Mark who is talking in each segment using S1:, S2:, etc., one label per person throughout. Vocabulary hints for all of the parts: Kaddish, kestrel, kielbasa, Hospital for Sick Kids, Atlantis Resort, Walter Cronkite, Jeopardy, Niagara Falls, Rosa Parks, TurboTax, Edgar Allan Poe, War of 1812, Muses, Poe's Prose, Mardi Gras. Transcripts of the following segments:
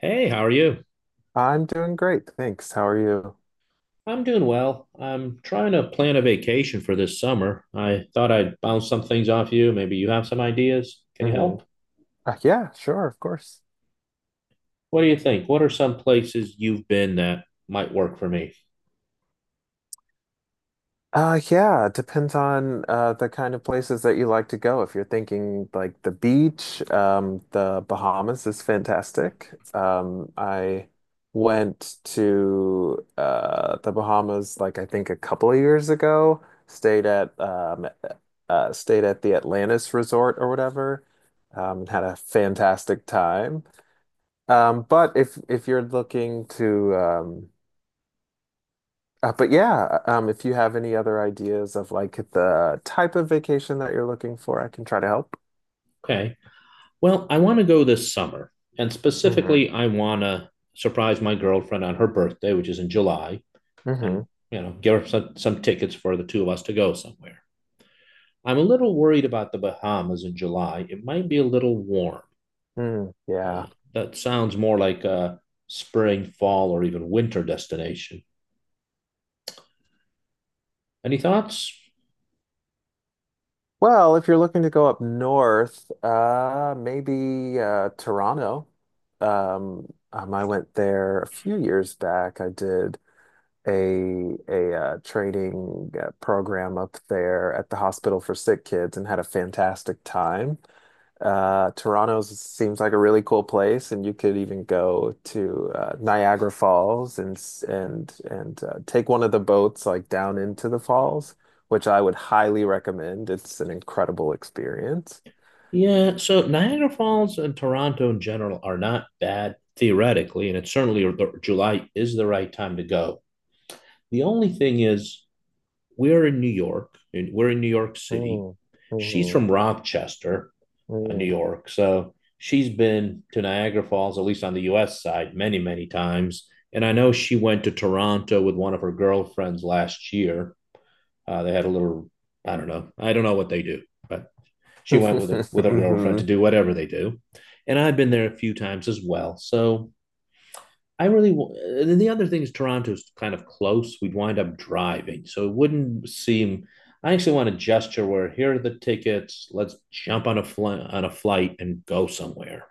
S1: Hey, how are you?
S2: I'm doing great, thanks. How are you?
S1: I'm doing well. I'm trying to plan a vacation for this summer. I thought I'd bounce some things off you. Maybe you have some ideas. Can you
S2: Hmm.
S1: help?
S2: Yeah, sure, of course.
S1: What do you think? What are some places you've been that might work for me?
S2: Yeah, it depends on the kind of places that you like to go. If you're thinking like the beach, the Bahamas is fantastic. I went to the Bahamas like I think a couple of years ago. Stayed at the Atlantis Resort or whatever. And had a fantastic time. But if you're looking to But if you have any other ideas of like the type of vacation that you're looking for, I can try to help.
S1: Okay. Well, I want to go this summer. And
S2: Hmm.
S1: specifically, I want to surprise my girlfriend on her birthday, which is in July, and,
S2: Hmm.
S1: give her some tickets for the two of us to go somewhere. I'm a little worried about the Bahamas in July. It might be a little warm.
S2: Mm,
S1: Uh,
S2: yeah.
S1: that sounds more like a spring, fall, or even winter destination. Any thoughts?
S2: Well, if you're looking to go up north, maybe Toronto. I went there a few years back. I did a training program up there at the hospital for sick kids and had a fantastic time. Toronto seems like a really cool place, and you could even go to Niagara Falls and s- and take one of the boats like down into the falls, which I would highly recommend. It's an incredible experience.
S1: Yeah, so Niagara Falls and Toronto in general are not bad theoretically, and it's certainly July is the right time to go. The only thing is, we're in New York, and we're in New York City.
S2: Mm.
S1: She's
S2: Mhm.
S1: from Rochester, New
S2: Mm.
S1: York, so she's been to Niagara Falls, at least on the U.S. side, many, many times. And I know she went to Toronto with one of her girlfriends last year. They had a little, I don't know what they do, but she went with with her girlfriend to
S2: Mhm.
S1: do whatever they do, and I've been there a few times as well. So and then the other thing is Toronto's kind of close. We'd wind up driving, so it wouldn't seem. I actually want to gesture where here are the tickets. Let's jump on on a flight and go somewhere.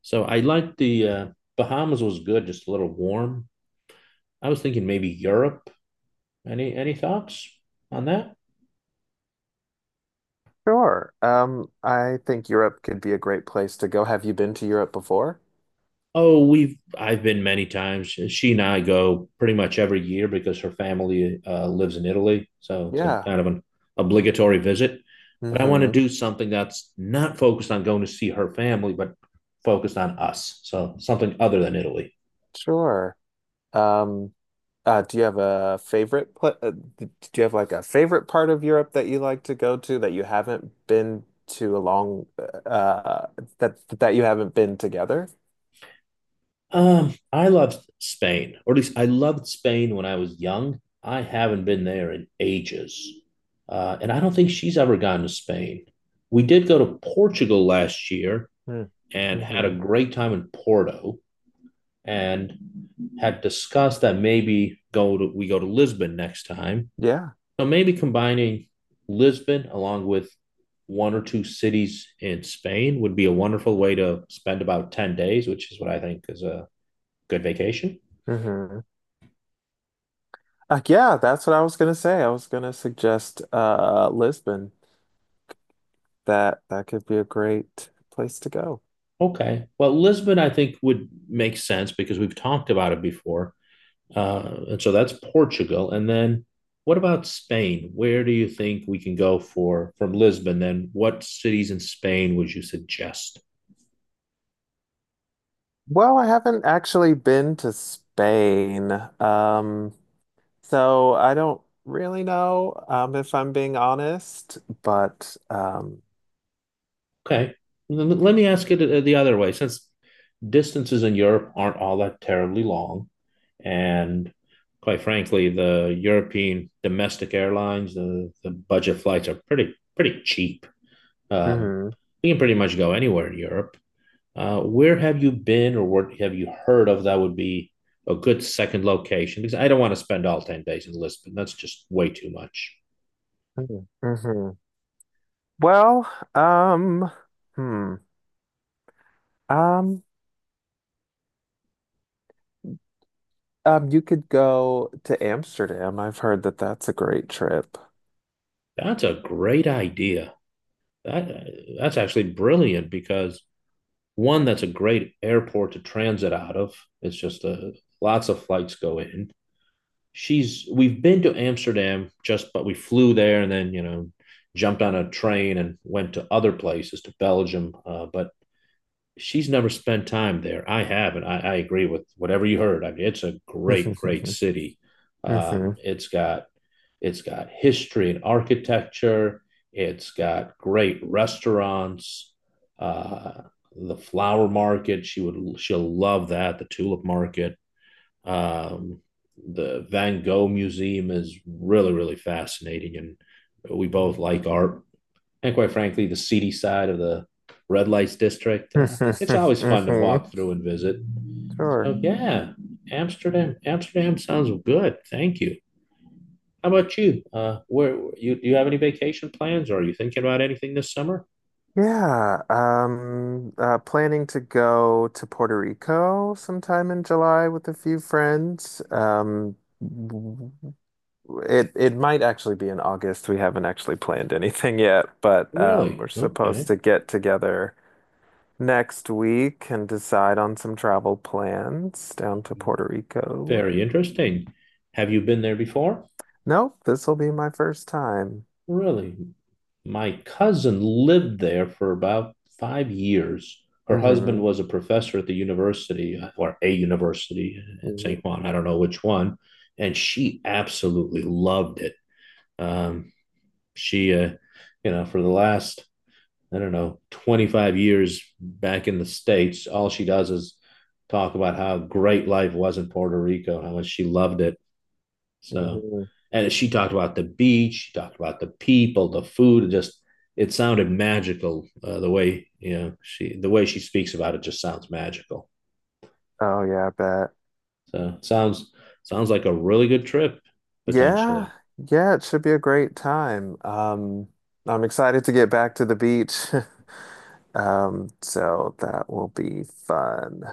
S1: So I like the Bahamas was good, just a little warm. I was thinking maybe Europe. Any thoughts on that?
S2: Sure. I think Europe could be a great place to go. Have you been to Europe before?
S1: Oh, we've I've been many times. She and I go pretty much every year because her family lives in Italy, so it's a
S2: Yeah.
S1: kind of an obligatory visit. But I want to
S2: Hmm.
S1: do something that's not focused on going to see her family, but focused on us. So something other than Italy.
S2: Sure. Um, do you have a favorite pla d- do you have like a favorite part of Europe that you like to go to that you haven't been to a long uh that you haven't been together?
S1: I loved Spain, or at least I loved Spain when I was young. I haven't been there in ages, and I don't think she's ever gone to Spain. We did go to Portugal last year
S2: Hmm.
S1: and had a
S2: Hmm.
S1: great time in Porto and had discussed that maybe go to we go to Lisbon next time.
S2: Yeah.
S1: So maybe combining Lisbon along with one or two cities in Spain would be a wonderful way to spend about 10 days, which is what I think is a good vacation.
S2: Hmm. Yeah, that's what I was gonna say. I was gonna suggest Lisbon. That could be a great place to go.
S1: Okay. Well, Lisbon I think would make sense because we've talked about it before. And so that's Portugal. And then what about Spain? Where do you think we can go for from Lisbon? Then what cities in Spain would you suggest?
S2: Well, I haven't actually been to Spain. Um So I don't really know, if I'm being honest, but
S1: Okay. Let me ask it the other way. Since distances in Europe aren't all that terribly long, and quite frankly, the European domestic airlines, the budget flights are pretty cheap. Um,
S2: mhm.
S1: you can pretty much go anywhere in Europe. Where have you been or what have you heard of that would be a good second location? Because I don't want to spend all 10 days in Lisbon. That's just way too much.
S2: Mhm. Mhm. Well, hmm, um, you could go to Amsterdam. I've heard that that's a great trip.
S1: That's a great idea. That, that's actually brilliant because one, that's a great airport to transit out of. It's just lots of flights go in. She's we've been to Amsterdam just but we flew there and then jumped on a train and went to other places to Belgium. But she's never spent time there. I haven't. I agree with whatever you heard. I mean, it's a great, great
S2: Hmm.
S1: city. Um, it's got it's got history and architecture. It's got great restaurants. Uh, the flower market. She'll love that. The tulip market. Um, the Van Gogh Museum is really really fascinating, and we both like art and quite frankly, the seedy side of the red lights district. It's always fun to
S2: Hmm.
S1: walk through and visit.
S2: Sure.
S1: So yeah, Amsterdam. Amsterdam sounds good. Thank you. How about you? Where you do you have any vacation plans, or are you thinking about anything this summer?
S2: Yeah. Planning to go to Puerto Rico sometime in July with a few friends. It might actually be in August. We haven't actually planned anything yet, but
S1: Really?
S2: we're supposed
S1: Okay.
S2: to get together next week and decide on some travel plans down to Puerto Rico.
S1: Very interesting. Have you been there before?
S2: Nope, this will be my first time.
S1: Really? My cousin lived there for about 5 years. Her husband
S2: Hmm.
S1: was a professor at the university or a university in St.
S2: Hmm.
S1: Juan. I don't know which one. And she absolutely loved it. Um, she, uh, for the last, I don't know, 25 years back in the States, all she does is talk about how great life was in Puerto Rico, how much she loved it. So,
S2: Hmm.
S1: and she talked about the beach, she talked about the people, the food. It sounded magical, the way she speaks about it just sounds magical.
S2: Oh yeah, I bet.
S1: So it sounds like a really good trip
S2: Yeah,
S1: potentially.
S2: yeah, it should be a great time. I'm excited to get back to the beach. So that will be fun.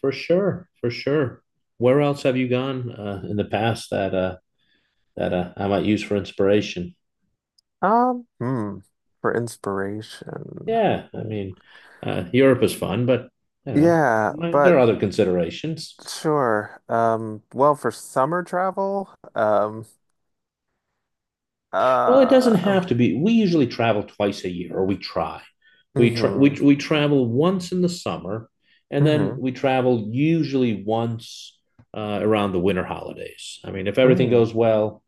S1: For sure, for sure. Where else have you gone in the past that I might use for inspiration?
S2: Um, hmm, for inspiration.
S1: Yeah, I
S2: Hmm.
S1: mean, Europe is fun, but you know,
S2: Yeah,
S1: there are
S2: but.
S1: other considerations.
S2: Sure. Well, for summer travel,
S1: Well, it doesn't
S2: uh,
S1: have to be. We usually travel twice a year, or we try. We try. We
S2: hmm.
S1: we travel once in the summer, and then
S2: Hmm.
S1: we travel usually once around the winter holidays. I mean, if everything
S2: Hmm.
S1: goes well,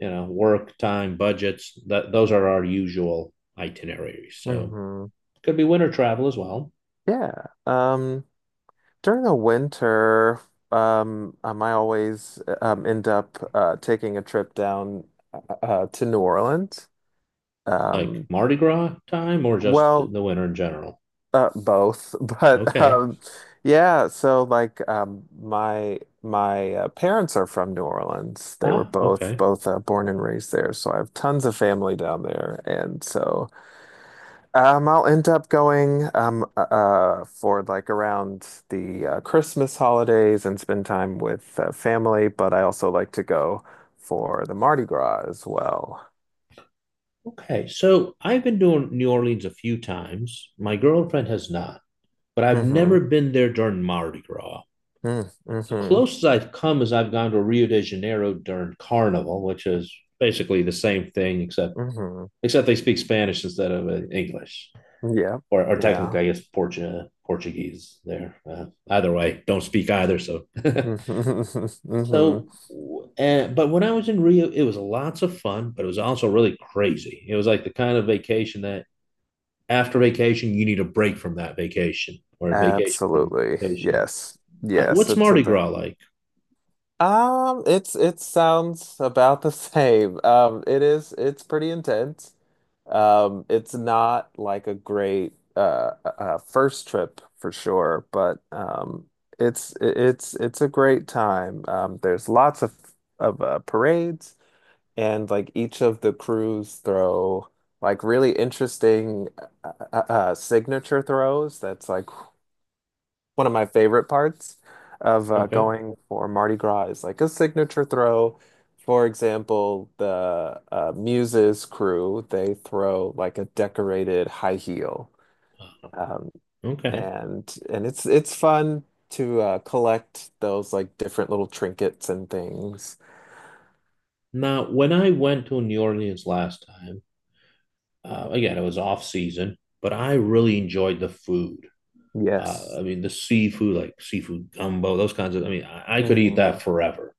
S1: work time, budgets, that those are our usual itineraries. So
S2: Hmm.
S1: it could be winter travel as well,
S2: Yeah. Um, During the winter, I always end up taking a trip down to New Orleans.
S1: like
S2: Um,
S1: Mardi Gras time, or just
S2: well.
S1: the winter in general.
S2: Both, but
S1: Okay.
S2: yeah. So like, my parents are from New Orleans. They were
S1: Ah,
S2: both
S1: okay.
S2: both uh, born and raised there, so I have tons of family down there, and so I'll end up going for like around the Christmas holidays and spend time with family. But I also like to go for the Mardi Gras as well.
S1: Okay, so I've been doing New Orleans a few times. My girlfriend has not, but I've
S2: Mm-hmm.
S1: never been there during Mardi Gras. The
S2: Mm-hmm.
S1: closest I've come is I've gone to Rio de Janeiro during Carnival, which is basically the same thing, except
S2: Mm-hmm.
S1: they speak Spanish instead of English,
S2: Yeah.
S1: or technically,
S2: Yeah.
S1: I guess Portuguese. There, either way, don't speak either. So,
S2: Mm-hmm.
S1: so, but when I was in Rio, it was lots of fun, but it was also really crazy. It was like the kind of vacation that after vacation, you need a break from that vacation or a vacation from
S2: Absolutely.
S1: vacation.
S2: Yes. Yes,
S1: What's Mardi Gras like?
S2: it sounds about the same. It's pretty intense. It's not like a great first trip for sure, but it's a great time. There's lots of parades and like each of the crews throw like really interesting signature throws that's like one of my favorite parts of
S1: Okay,
S2: going for Mardi Gras is like a signature throw. For example, the Muses crew, they throw like a decorated high heel. Um,
S1: okay.
S2: and it's fun to collect those like different little trinkets and things.
S1: Now, when I went to New Orleans last time, again, it was off season, but I really enjoyed the food.
S2: Yes.
S1: I mean, the seafood, like seafood gumbo, those kinds of, I mean, I could eat
S2: Hmm.
S1: that forever.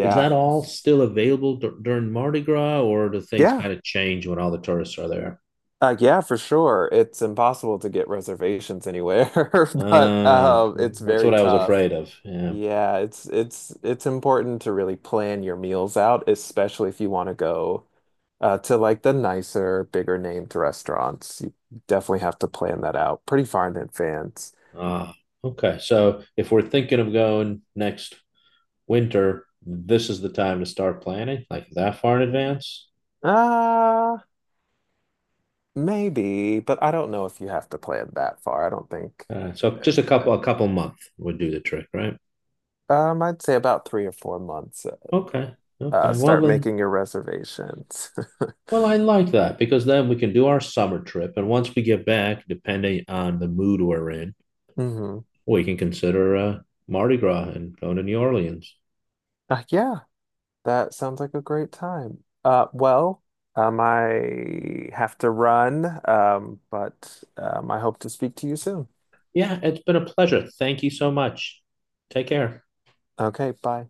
S1: Is that all still available during Mardi Gras, or do things
S2: Yeah.
S1: kind of change when all the tourists are there?
S2: Yeah, for sure. It's impossible to get reservations anywhere, but
S1: Uh, well,
S2: it's
S1: that's
S2: very
S1: what I was
S2: tough.
S1: afraid of. Yeah.
S2: Yeah, it's important to really plan your meals out, especially if you want to go to like the nicer, bigger named restaurants. You definitely have to plan that out pretty far in advance.
S1: Ah, okay. So if we're thinking of going next winter, this is the time to start planning, like that far in advance.
S2: Uh, Maybe, but I don't know if you have to plan that far. I don't think.
S1: So just a couple month would do the trick, right?
S2: I'd say about 3 or 4 months.
S1: Okay. Okay. Well
S2: Start
S1: then,
S2: making your reservations.
S1: well, I like that because then we can do our summer trip, and once we get back, depending on the mood we're in,
S2: Mm-hmm.
S1: we can consider Mardi Gras and going to New Orleans.
S2: Yeah. That sounds like a great time. Well, I have to run, but I hope to speak to you soon.
S1: Yeah, it's been a pleasure. Thank you so much. Take care.
S2: Okay, bye.